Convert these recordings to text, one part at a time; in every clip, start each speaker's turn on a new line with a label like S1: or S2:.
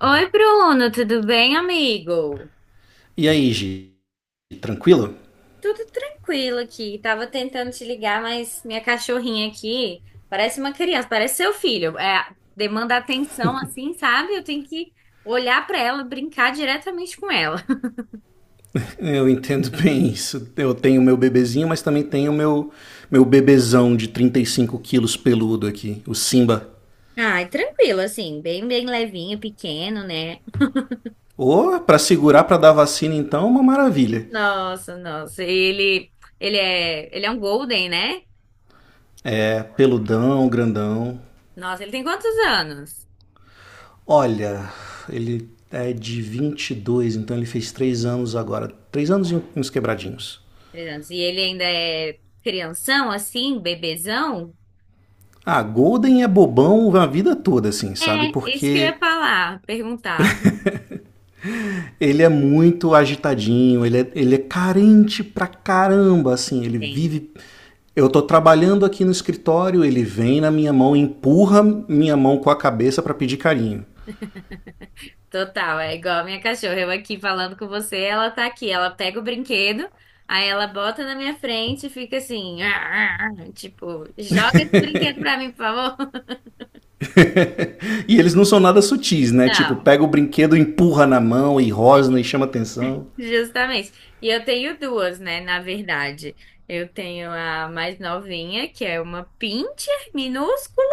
S1: Oi, Bruno, tudo bem, amigo?
S2: E aí, Gi? Tranquilo?
S1: Tudo tranquilo aqui. Tava tentando te ligar, mas minha cachorrinha aqui parece uma criança, parece seu filho. É, demanda atenção assim, sabe? Eu tenho que olhar pra ela, brincar diretamente com ela.
S2: Eu entendo bem isso. Eu tenho meu bebezinho, mas também tenho meu bebezão de 35 quilos peludo aqui, o Simba.
S1: Ai, tranquilo, assim, bem levinho, pequeno, né?
S2: Pra segurar pra dar vacina então, é uma maravilha.
S1: Nossa, nossa. Ele é um golden, né?
S2: É, peludão, grandão.
S1: Nossa, ele tem quantos anos?
S2: Olha, ele é de 22. Então ele fez 3 anos agora. Três anos e uns quebradinhos.
S1: Três anos. E ele ainda é crianção, assim, bebezão?
S2: Ah, Golden é bobão a vida toda, assim, sabe?
S1: É, isso que eu ia
S2: Porque
S1: falar, perguntar.
S2: ele é muito agitadinho, ele é carente pra caramba, assim, ele
S1: Entendo.
S2: vive. Eu tô trabalhando aqui no escritório, ele vem na minha mão, empurra minha mão com a cabeça pra pedir carinho.
S1: Total, é igual a minha cachorra. Eu aqui falando com você, ela tá aqui. Ela pega o brinquedo, aí ela bota na minha frente e fica assim, "Ah, ah, ah", tipo, joga esse brinquedo pra mim, por favor.
S2: E eles não são nada sutis, né? Tipo,
S1: Não,
S2: pega o brinquedo, empurra na mão e
S1: é,
S2: rosna e chama atenção.
S1: justamente. E eu tenho duas, né, na verdade. Eu tenho a mais novinha, que é uma pincher minúscula,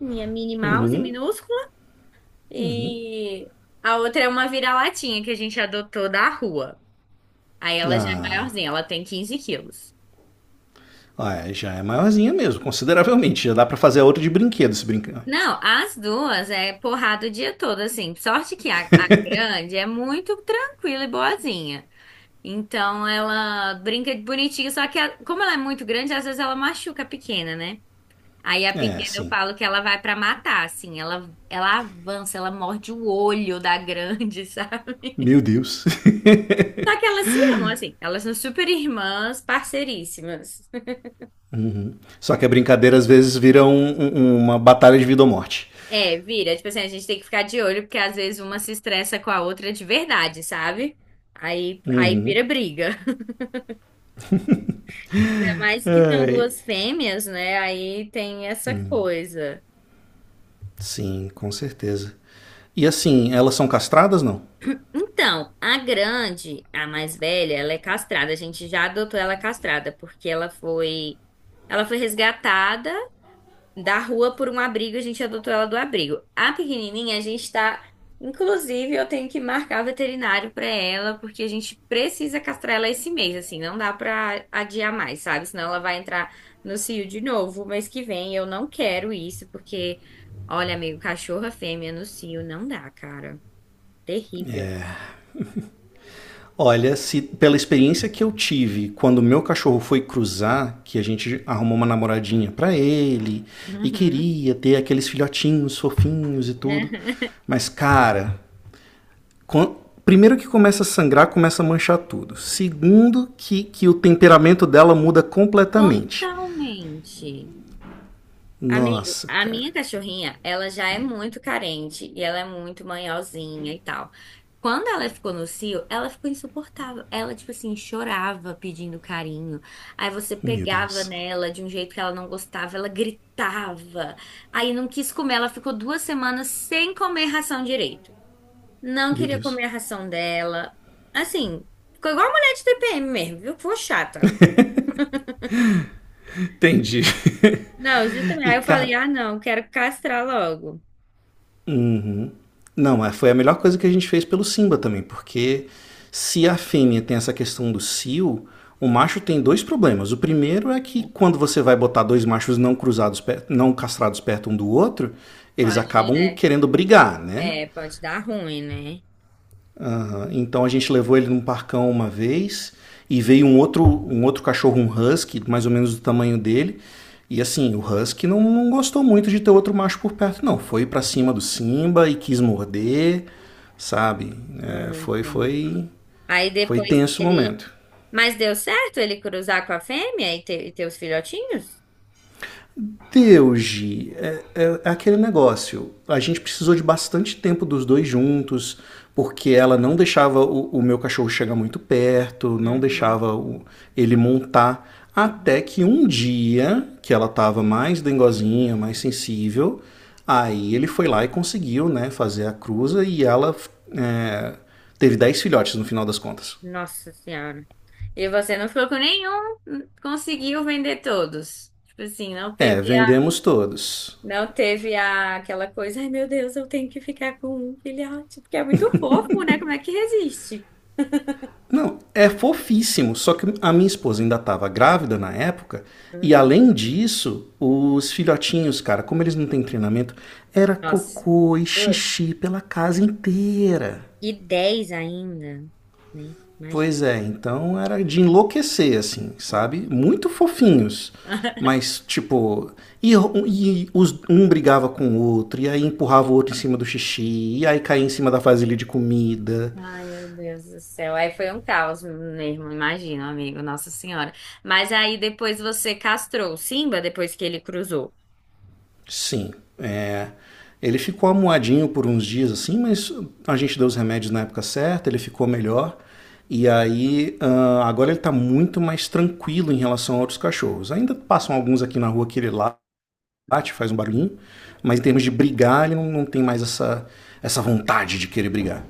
S1: minha Minnie Mouse minúscula, e a outra é uma vira-latinha que a gente adotou da rua. Aí ela já é
S2: Ah,
S1: maiorzinha, ela tem 15 quilos.
S2: olha, já é maiorzinha mesmo, consideravelmente. Já dá pra fazer a outra de brinquedo se brincar.
S1: Não, as duas é porrada o dia todo, assim. Sorte que a grande é muito tranquila e boazinha. Então ela brinca de bonitinha, só que a- como ela é muito grande, às vezes ela machuca a pequena, né? Aí a
S2: É,
S1: pequena eu
S2: sim.
S1: falo que ela vai pra matar, assim. Ela avança, ela morde o olho da grande, sabe?
S2: Meu Deus.
S1: Só que elas se amam, assim. Elas são super irmãs, parceiríssimas.
S2: Só que a brincadeira às vezes vira uma batalha de vida ou morte.
S1: É, vira. Tipo assim, a gente tem que ficar de olho, porque às vezes uma se estressa com a outra de verdade, sabe? Aí vira briga. Ainda mais que são
S2: Ai,
S1: duas fêmeas, né? Aí tem essa coisa.
S2: sim, com certeza. E assim, elas são castradas, não?
S1: Então, a grande, a mais velha, ela é castrada. A gente já adotou ela castrada, porque ela foi resgatada da rua por um abrigo, a gente adotou ela do abrigo. A pequenininha, a gente tá. Inclusive, eu tenho que marcar veterinário pra ela, porque a gente precisa castrar ela esse mês, assim, não dá pra adiar mais, sabe? Senão ela vai entrar no cio de novo mês que vem. Eu não quero isso, porque, olha, amigo, cachorra fêmea no cio não dá, cara. Terrível.
S2: Olha, se pela experiência que eu tive quando meu cachorro foi cruzar, que a gente arrumou uma namoradinha pra ele e
S1: Uhum.
S2: queria ter aqueles filhotinhos fofinhos e tudo, mas cara, quan- primeiro que começa a sangrar, começa a manchar tudo. Segundo que o temperamento dela muda completamente.
S1: Totalmente. Amigo,
S2: Nossa,
S1: a
S2: cara.
S1: minha cachorrinha, ela já é muito carente e ela é muito manhosinha e tal. Quando ela ficou no cio, ela ficou insuportável. Ela, tipo assim, chorava pedindo carinho. Aí você
S2: Meu
S1: pegava
S2: Deus.
S1: nela de um jeito que ela não gostava, ela gritava. Aí não quis comer, ela ficou 2 semanas sem comer ração direito. Não
S2: Meu
S1: queria comer
S2: Deus.
S1: a ração dela. Assim, ficou igual a mulher de TPM mesmo, viu? Ficou chata.
S2: Entendi.
S1: Não, justamente.
S2: E
S1: Aí eu falei,
S2: cara,
S1: ah, não, quero castrar logo.
S2: uhum, não, foi a melhor coisa que a gente fez pelo Simba também, porque se a fêmea tem essa questão do cio, o macho tem dois problemas. O primeiro é que quando você vai botar dois machos não cruzados, não castrados perto um do outro, eles
S1: Pode,
S2: acabam
S1: né?
S2: querendo brigar, né?
S1: É, pode dar ruim, né?
S2: Ah, então a gente levou ele num parcão uma vez e veio um outro cachorro, um husky, mais ou menos do tamanho dele. E assim, o husky não gostou muito de ter outro macho por perto, não. Foi para cima do Simba e quis morder, sabe? É,
S1: Ah,
S2: foi,
S1: entendi.
S2: foi,
S1: Aí
S2: foi
S1: depois
S2: tenso
S1: que
S2: o
S1: ele.
S2: momento.
S1: Mas deu certo ele cruzar com a fêmea e ter os filhotinhos?
S2: Teuji, é aquele negócio. A gente precisou de bastante tempo dos dois juntos, porque ela não deixava o meu cachorro chegar muito perto, não
S1: Uhum,
S2: deixava ele montar. Até
S1: uhum.
S2: que um dia, que ela estava mais dengozinha, mais sensível, aí ele foi lá e conseguiu, né, fazer a cruza e ela, é, teve 10 filhotes no final das contas.
S1: Nossa Senhora. E você não ficou com nenhum, n- conseguiu vender todos. Tipo assim,
S2: É, vendemos todos.
S1: não teve a, aquela coisa, ai meu Deus, eu tenho que ficar com um filhote, porque é muito fofo, né? Como é que resiste?
S2: Não, é fofíssimo. Só que a minha esposa ainda estava grávida na época. E
S1: Hum,
S2: além disso, os filhotinhos, cara, como eles não têm treinamento, era
S1: Nossa.
S2: cocô e
S1: Putz.
S2: xixi pela casa inteira.
S1: E 10 ainda, né? Imagina.
S2: Pois é, então era de enlouquecer, assim, sabe?
S1: imagina.
S2: Muito fofinhos. Mas, tipo, e, e os, um brigava com o outro, e aí empurrava o outro em cima do xixi, e aí caía em cima da vasilha de comida.
S1: Ai, meu Deus do céu. Aí foi um caos mesmo, imagino, amigo, Nossa Senhora. Mas aí depois você castrou o Simba depois que ele cruzou.
S2: Sim. É, ele ficou amuadinho por uns dias assim, mas a gente deu os remédios na época certa, ele ficou melhor. E aí, ah, agora ele tá muito mais tranquilo em relação a outros cachorros. Ainda passam alguns aqui na rua que ele late, faz um barulhinho, mas em termos de brigar, ele não tem mais essa, essa vontade de querer brigar.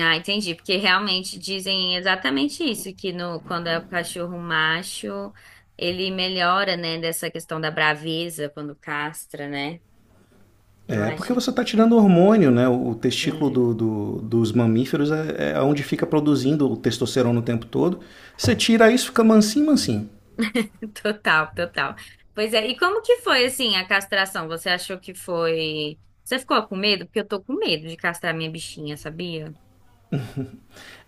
S1: Ah, entendi, porque realmente dizem exatamente isso, que no, quando é o cachorro macho, ele melhora, né, dessa questão da braveza quando castra, né? Eu
S2: É porque
S1: acho.
S2: você está tirando hormônio, né? O testículo
S1: É.
S2: dos mamíferos é, é onde fica produzindo o testosterona o tempo todo. Você tira isso, fica mansinho, mansinho.
S1: Total. Pois é, e como que foi, assim, a castração? Você achou que foi. Você ficou com medo? Porque eu tô com medo de castrar minha bichinha, sabia?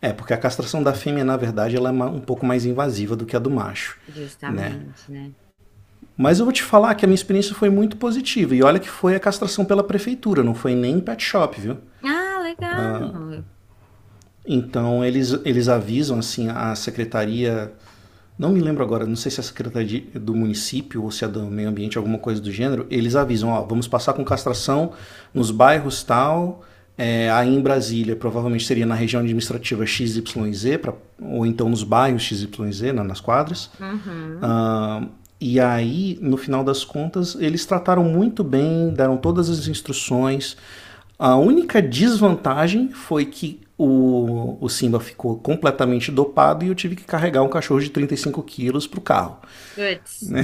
S2: É, porque a castração da fêmea, na verdade, ela é um pouco mais invasiva do que a do macho, né?
S1: Justamente, né?
S2: Mas eu vou te falar que a minha experiência foi muito positiva. E olha que foi a castração pela prefeitura, não foi nem em pet shop, viu?
S1: Ah, legal.
S2: Então eles avisam assim a secretaria. Não me lembro agora, não sei se é a secretaria do município ou se é do meio ambiente, alguma coisa do gênero, eles avisam, ó, vamos passar com castração nos bairros tal, é, aí em Brasília, provavelmente seria na região administrativa X XYZ, pra, ou então nos bairros X XYZ, na, nas quadras,
S1: Uhum.
S2: ah, e aí, no final das contas, eles trataram muito bem, deram todas as instruções. A única desvantagem foi que o Simba ficou completamente dopado e eu tive que carregar um cachorro de 35 quilos pro carro.
S1: Puts.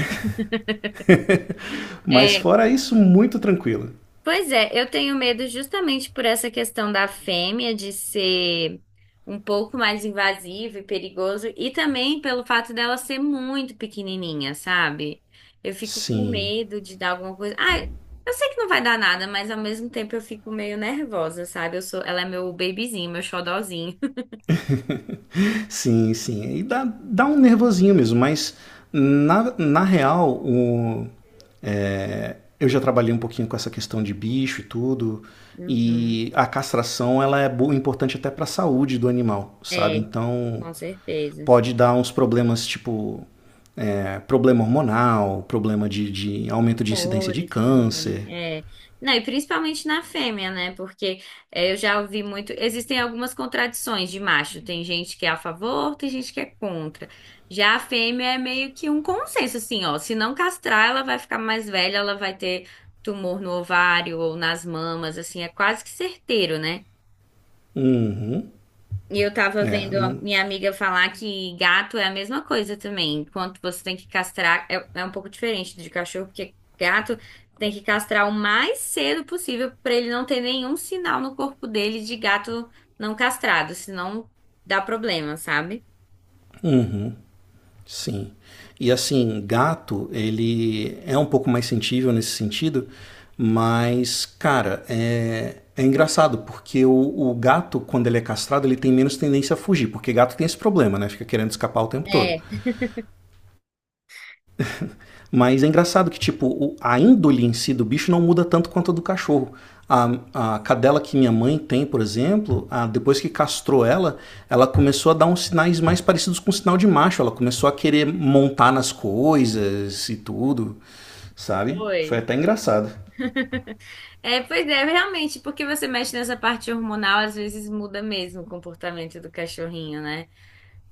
S2: Mas
S1: É,
S2: fora isso, muito tranquilo.
S1: pois é, eu tenho medo justamente por essa questão da fêmea de ser um pouco mais invasivo e perigoso, e também pelo fato dela ser muito pequenininha, sabe? Eu fico com
S2: Sim,
S1: medo de dar alguma coisa. Ah, eu sei que não vai dar nada, mas ao mesmo tempo eu fico meio nervosa, sabe? Ela é meu bebezinho, meu xodozinho.
S2: sim, sim. E dá um nervosinho mesmo, mas na real, o, eu já trabalhei um pouquinho com essa questão de bicho e tudo,
S1: Uhum.
S2: e a castração ela é importante até para a saúde do animal, sabe?
S1: É,
S2: Então
S1: com certeza.
S2: pode dar uns problemas tipo é, problema hormonal, problema de aumento de incidência de
S1: Humores também,
S2: câncer.
S1: é. Não, e principalmente na fêmea, né? Porque é, eu já ouvi muito. Existem algumas contradições de macho. Tem gente que é a favor, tem gente que é contra. Já a fêmea é meio que um consenso, assim, ó. Se não castrar, ela vai ficar mais velha, ela vai ter tumor no ovário ou nas mamas, assim, é quase que certeiro, né?
S2: Uhum.
S1: E eu tava
S2: É,
S1: vendo a
S2: não,
S1: minha amiga falar que gato é a mesma coisa também. Enquanto você tem que castrar, é, é um pouco diferente de cachorro, porque gato tem que castrar o mais cedo possível pra ele não ter nenhum sinal no corpo dele de gato não castrado, senão dá problema, sabe?
S2: sim. E assim, gato, ele é um pouco mais sensível nesse sentido, mas, cara, é, é engraçado, porque o gato, quando ele é castrado, ele tem menos tendência a fugir, porque gato tem esse problema, né? Fica querendo escapar o tempo todo.
S1: É.
S2: Mas é engraçado que, tipo, a índole em si do bicho não muda tanto quanto a do cachorro. A, a cadela que minha mãe tem, por exemplo, depois que castrou ela, ela começou a dar uns sinais mais parecidos com o sinal de macho. Ela começou a querer montar nas coisas e tudo, sabe? Foi
S1: Oi.
S2: até engraçado.
S1: É, pois é, realmente, porque você mexe nessa parte hormonal, às vezes muda mesmo o comportamento do cachorrinho, né?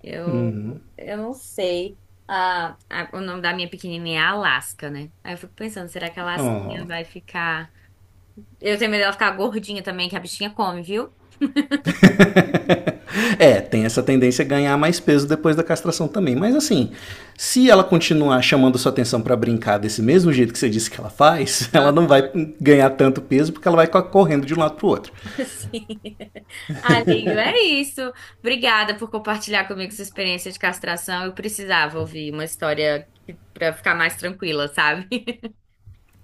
S1: Eu, eu não sei. Ah, a- o nome da minha pequenininha é Alaska, né? Aí eu fico pensando, será que a Alasquinha vai ficar. Eu tenho medo dela ficar gordinha também, que a bichinha come, viu?
S2: É, tem essa tendência a ganhar mais peso depois da castração também. Mas assim, se ela continuar chamando sua atenção pra brincar desse mesmo jeito que você disse que ela faz, ela
S1: Ah.
S2: não vai ganhar tanto peso porque ela vai correndo de um lado pro outro.
S1: Sim. Amigo, é isso. Obrigada por compartilhar comigo sua experiência de castração. Eu precisava ouvir uma história que- pra ficar mais tranquila, sabe?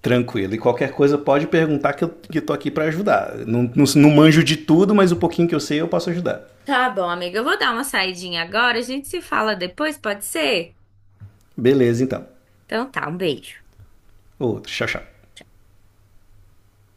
S2: Tranquilo. E qualquer coisa pode perguntar que eu que tô aqui para ajudar. Não, não manjo de tudo, mas o pouquinho que eu sei eu posso ajudar.
S1: Tá bom, amiga. Eu vou dar uma saidinha agora. A gente se fala depois, pode ser?
S2: Beleza, então.
S1: Então tá, um beijo.
S2: Outro. Tchau, tchau.